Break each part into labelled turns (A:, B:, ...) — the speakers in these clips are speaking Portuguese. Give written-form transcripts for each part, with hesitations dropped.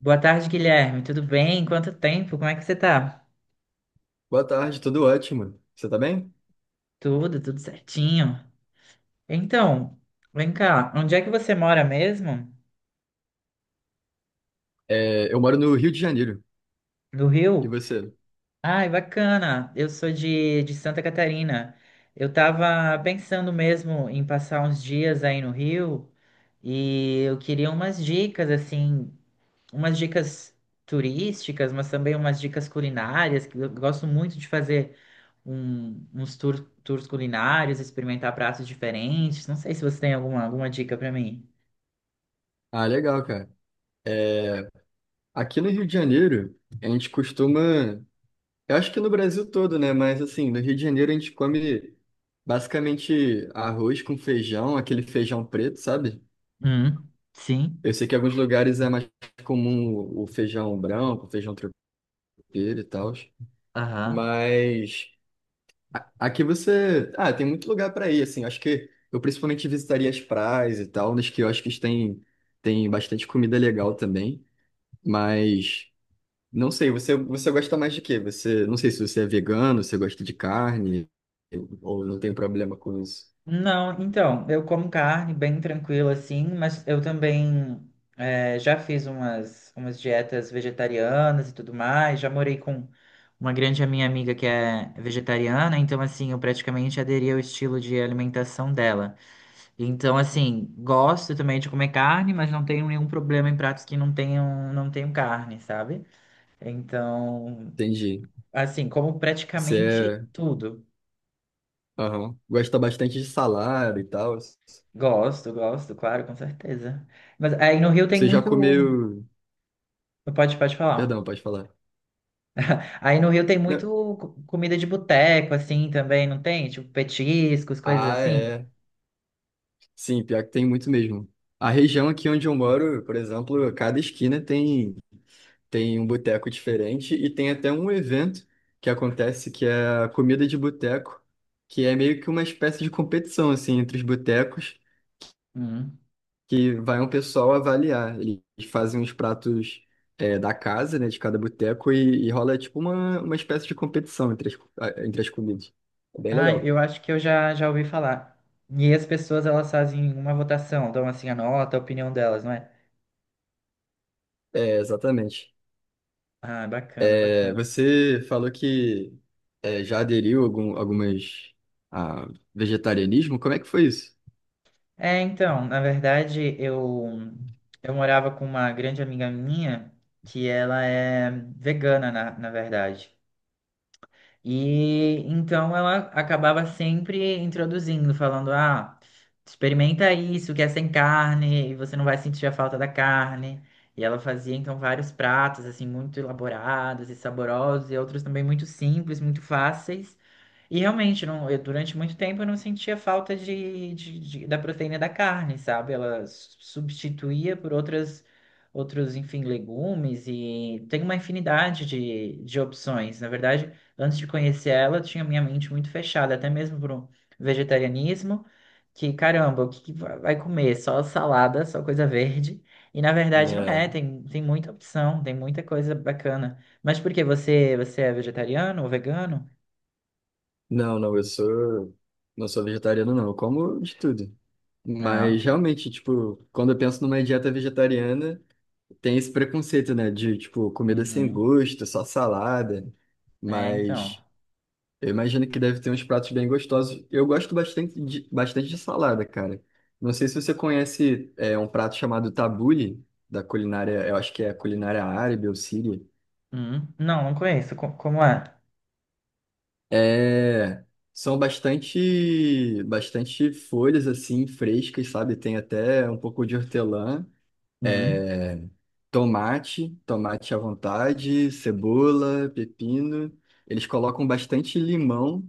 A: Boa tarde, Guilherme. Tudo bem? Quanto tempo? Como é que você tá?
B: Boa tarde, tudo ótimo. Você tá bem?
A: Tudo certinho. Então, vem cá, onde é que você mora mesmo?
B: Eu moro no Rio de Janeiro.
A: No
B: E
A: Rio?
B: você?
A: Ai, bacana. Eu sou de Santa Catarina. Eu tava pensando mesmo em passar uns dias aí no Rio e eu queria umas dicas, assim, umas dicas turísticas, mas também umas dicas culinárias, que eu gosto muito de fazer tours culinários, experimentar pratos diferentes. Não sei se você tem alguma dica para mim.
B: Ah, legal, cara. Aqui no Rio de Janeiro, a gente costuma. Eu acho que no Brasil todo, né? Mas assim, no Rio de Janeiro a gente come basicamente arroz com feijão, aquele feijão preto, sabe?
A: Hum, sim.
B: Eu sei que em alguns lugares é mais comum o feijão branco, o feijão tropeiro e tal.
A: Aham.
B: Mas aqui você. Ah, tem muito lugar para ir, assim. Acho que eu principalmente visitaria as praias e tal. Nos quiosques tem bastante comida legal também. Mas não sei, você gosta mais de quê? Você, não sei se você é vegano, você gosta de carne, ou não tem problema com isso.
A: Não, então, eu como carne bem tranquila assim, mas eu também já fiz umas dietas vegetarianas e tudo mais. Já morei com uma grande minha amiga que é vegetariana, então assim, eu praticamente aderi ao estilo de alimentação dela. Então, assim, gosto também de comer carne, mas não tenho nenhum problema em pratos que não tenham carne, sabe? Então,
B: Entendi.
A: assim, como
B: Você
A: praticamente
B: é,
A: tudo.
B: aham, gosta bastante de salada e tal.
A: Gosto, gosto, claro, com certeza. Mas aí no Rio tem
B: Você já
A: muito.
B: comeu.
A: Pode
B: Perdão,
A: falar.
B: pode falar.
A: Aí no Rio tem
B: Não.
A: muito comida de boteco, assim, também, não tem? Tipo, petiscos, coisas
B: Ah,
A: assim.
B: é. Sim, pior que tem muito mesmo. A região aqui onde eu moro, por exemplo, cada esquina tem um boteco diferente e tem até um evento que acontece que é a comida de boteco, que é meio que uma espécie de competição assim entre os botecos,
A: Hum.
B: que vai um pessoal avaliar. Eles fazem uns pratos da casa, né, de cada boteco e rola tipo uma espécie de competição entre entre as comidas. É bem
A: Ah,
B: legal.
A: eu acho que eu já ouvi falar. E as pessoas, elas fazem uma votação, dão assim a nota, a opinião delas, não é?
B: É, exatamente.
A: Ah, bacana,
B: É,
A: bacana.
B: você falou que já aderiu algumas a vegetarianismo. Como é que foi isso?
A: É, então, na verdade, eu morava com uma grande amiga minha que ela é vegana, na verdade. E então ela acabava sempre introduzindo, falando: ah, experimenta isso que é sem carne e você não vai sentir a falta da carne. E ela fazia então vários pratos assim muito elaborados e saborosos e outros também muito simples, muito fáceis. E realmente, não, eu, durante muito tempo eu não sentia falta da proteína da carne, sabe? Ela substituía por outras, outros, enfim, legumes e tem uma infinidade de opções. Na verdade, antes de conhecer ela, eu tinha minha mente muito fechada, até mesmo para o vegetarianismo, que caramba, o que vai comer? Só salada, só coisa verde. E na verdade não
B: É,
A: é, tem, tem muita opção, tem muita coisa bacana. Mas por quê? Você é vegetariano ou vegano?
B: não, não, eu sou não sou vegetariano, não. Eu como de tudo.
A: Ah,
B: Mas
A: ok.
B: realmente, tipo, quando eu penso numa dieta vegetariana, tem esse preconceito, né? De, tipo, comida sem
A: Uhum.
B: gosto, só salada.
A: É, então.
B: Mas eu imagino que deve ter uns pratos bem gostosos. Eu gosto bastante de salada, cara. Não sei se você conhece um prato chamado tabule, da culinária, eu acho que é culinária árabe ou síria.
A: Uhum. Não, não conheço. Como é?
B: É, são bastante folhas assim frescas, sabe? Tem até um pouco de hortelã,
A: Uhum.
B: é, tomate à vontade, cebola, pepino. Eles colocam bastante limão.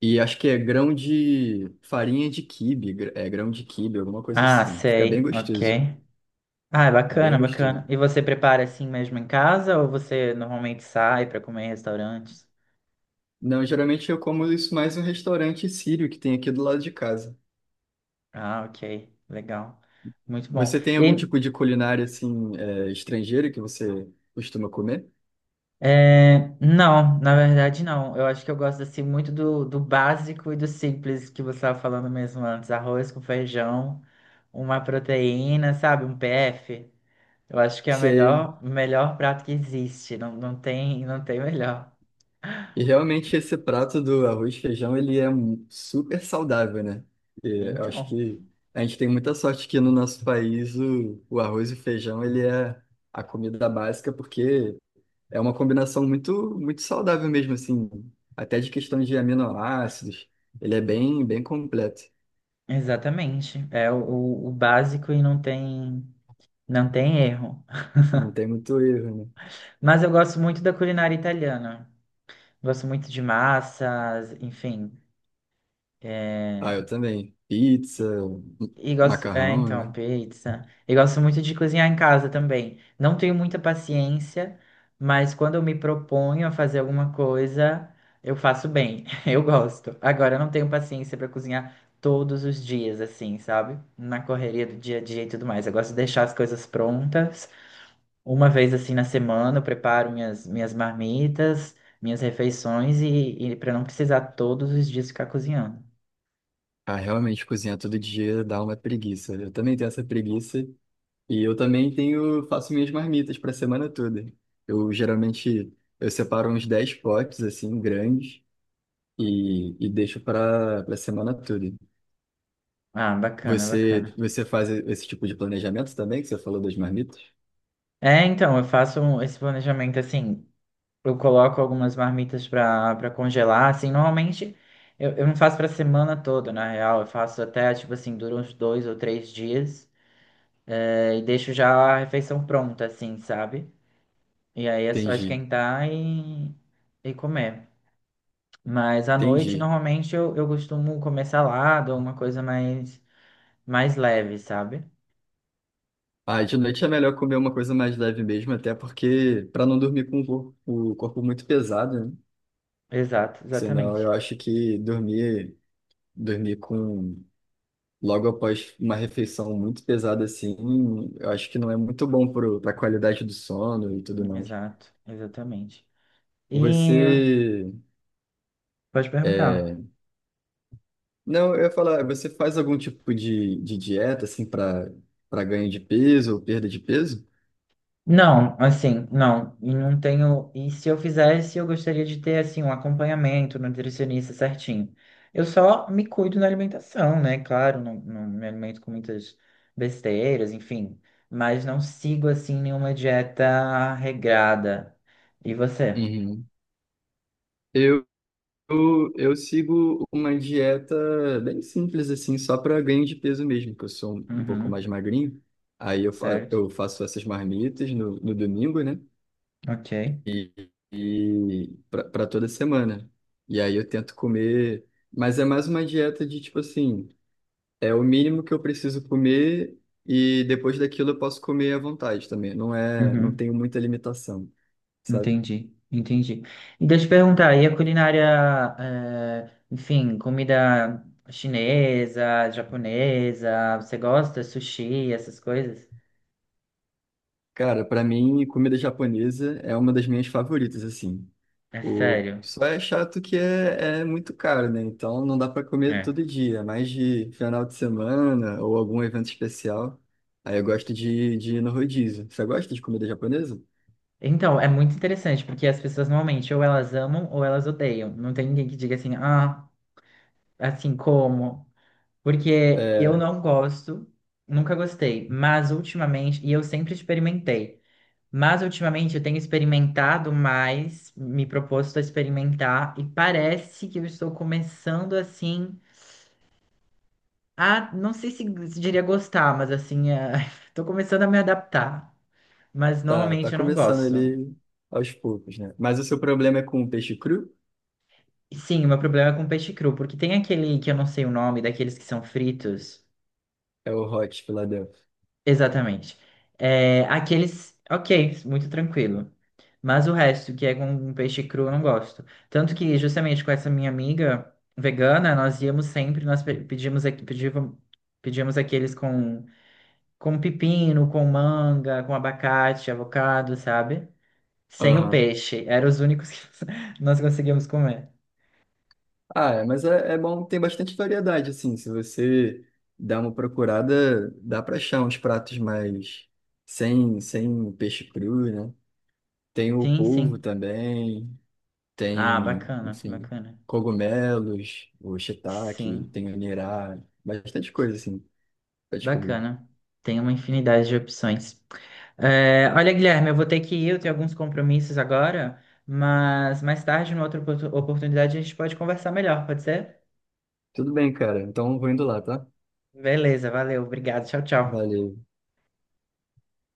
B: E acho que é grão de farinha de quibe, é grão de quibe, alguma coisa
A: Ah,
B: assim. Fica bem
A: sei. Ok. Ah, é
B: bem
A: bacana, bacana.
B: gostoso.
A: E você prepara assim mesmo em casa ou você normalmente sai para comer em restaurantes?
B: Não, geralmente eu como isso mais no restaurante sírio que tem aqui do lado de casa.
A: Ah, ok. Legal. Muito bom.
B: Você tem
A: E,
B: algum
A: aí,
B: tipo de culinária assim estrangeira que você costuma comer?
A: não, na verdade não. Eu acho que eu gosto assim muito do básico e do simples que você estava falando mesmo antes. Arroz com feijão, uma proteína, sabe? Um PF. Eu acho que é
B: Sei.
A: o melhor prato que existe. Não, não tem, não tem melhor.
B: E realmente esse prato do arroz e feijão ele é super saudável, né? E eu acho
A: Então,
B: que a gente tem muita sorte que no nosso país o arroz e o feijão ele é a comida básica porque é uma combinação muito saudável mesmo, assim, até de questão de aminoácidos. Ele é bem completo.
A: exatamente. É o, o básico e não tem, não tem erro.
B: Não tem muito erro, né?
A: Mas eu gosto muito da culinária italiana. Gosto muito de massas, enfim.
B: Ah,
A: é,
B: eu também. Pizza,
A: E gosto,
B: macarrão, né?
A: pizza. E gosto muito de cozinhar em casa também. Não tenho muita paciência, mas quando eu me proponho a fazer alguma coisa, eu faço bem. Eu gosto. Agora, eu não tenho paciência para cozinhar todos os dias, assim, sabe? Na correria do dia a dia e tudo mais. Eu gosto de deixar as coisas prontas. Uma vez, assim, na semana, eu preparo minhas marmitas, minhas refeições e para não precisar todos os dias ficar cozinhando.
B: Ah, realmente cozinhar todo dia dá uma preguiça. Eu também tenho essa preguiça e eu também tenho, faço minhas marmitas para a semana toda. Eu geralmente eu separo uns 10 potes assim grandes e deixo para a semana toda.
A: Ah, bacana, bacana.
B: Você faz esse tipo de planejamento também, que você falou das marmitas?
A: É, então, eu faço esse planejamento assim, eu coloco algumas marmitas para congelar, assim, normalmente eu não faço para semana toda, na real, eu faço até, tipo assim, dura uns dois ou três dias, e deixo já a refeição pronta, assim, sabe? E aí é só
B: Entendi,
A: esquentar e comer. Mas à noite,
B: entendi.
A: normalmente, eu costumo comer salada ou uma coisa mais, mais leve, sabe?
B: Ah, de noite é melhor comer uma coisa mais leve mesmo, até porque para não dormir com o o corpo muito pesado, né?
A: Exato,
B: Senão
A: exatamente.
B: eu acho que dormir com logo após uma refeição muito pesada assim, eu acho que não é muito bom para a qualidade do sono e tudo mais.
A: Exato, exatamente. E
B: Você
A: pode perguntar.
B: é, não, eu ia falar, você faz algum tipo de dieta, assim, para ganho de peso ou perda de peso?
A: Não, assim, não. E não tenho. E se eu fizesse, eu gostaria de ter, assim, um acompanhamento, um nutricionista certinho. Eu só me cuido na alimentação, né? Claro, não, não me alimento com muitas besteiras, enfim. Mas não sigo, assim, nenhuma dieta regrada. E você?
B: Uhum. Eu, eu sigo uma dieta bem simples, assim, só para ganho de peso mesmo, que eu sou um pouco mais
A: Uhum,
B: magrinho. Aí eu, fa
A: certo.
B: eu faço essas marmitas no domingo, né?
A: Ok.
B: E, e para toda semana. E aí eu tento comer, mas é mais uma dieta de tipo assim. É o mínimo que eu preciso comer e depois daquilo eu posso comer à vontade também. Não é, não
A: Uhum.
B: tenho muita limitação, sabe?
A: Entendi, entendi. E deixa eu te perguntar, e a culinária, enfim, comida chinesa, japonesa, você gosta? Sushi, essas coisas?
B: Cara, pra mim, comida japonesa é uma das minhas favoritas, assim.
A: É
B: O
A: sério?
B: só é chato que é muito caro, né? Então não dá pra comer todo
A: É.
B: dia, mais de final de semana ou algum evento especial. Aí eu gosto de ir no rodízio. Você gosta de comida japonesa?
A: Então, é muito interessante, porque as pessoas normalmente ou elas amam ou elas odeiam. Não tem ninguém que diga assim, ah, assim como? Porque eu
B: É,
A: não gosto, nunca gostei, mas ultimamente, e eu sempre experimentei. Mas ultimamente eu tenho experimentado mais, me proposto a experimentar, e parece que eu estou começando assim a, não sei se, se diria gostar, mas assim, estou começando a me adaptar. Mas normalmente
B: tá
A: eu não
B: começando
A: gosto.
B: ali aos poucos, né? Mas o seu problema é com o peixe cru?
A: E sim, o meu problema é com peixe cru, porque tem aquele que eu não sei o nome, daqueles que são fritos.
B: É o Hot Philadelphia.
A: Exatamente. É, aqueles, ok, muito tranquilo. Mas o resto, que é com um peixe cru, eu não gosto. Tanto que, justamente com essa minha amiga vegana, nós íamos sempre, nós pe- pedíamos, aqui- pedíamos, pedíamos aqueles com pepino, com manga, com abacate, avocado, sabe? Sem o
B: Aham.
A: peixe. Eram os únicos que nós conseguíamos comer.
B: Ah, é, mas é bom, tem bastante variedade, assim. Se você dá uma procurada, dá pra achar uns pratos mais sem peixe cru, né? Tem o
A: Sim, sim.
B: polvo também,
A: Ah,
B: tem,
A: bacana,
B: enfim,
A: bacana.
B: cogumelos, o shiitake,
A: Sim,
B: tem o nirá, bastante coisa, assim, pra descobrir.
A: bacana. Tem uma infinidade de opções. É, olha, Guilherme, eu vou ter que ir, eu tenho alguns compromissos agora, mas mais tarde, numa outra oportunidade, a gente pode conversar melhor, pode ser?
B: Tudo bem, cara. Então vou indo lá, tá?
A: Beleza, valeu, obrigado, tchau, tchau.
B: Valeu.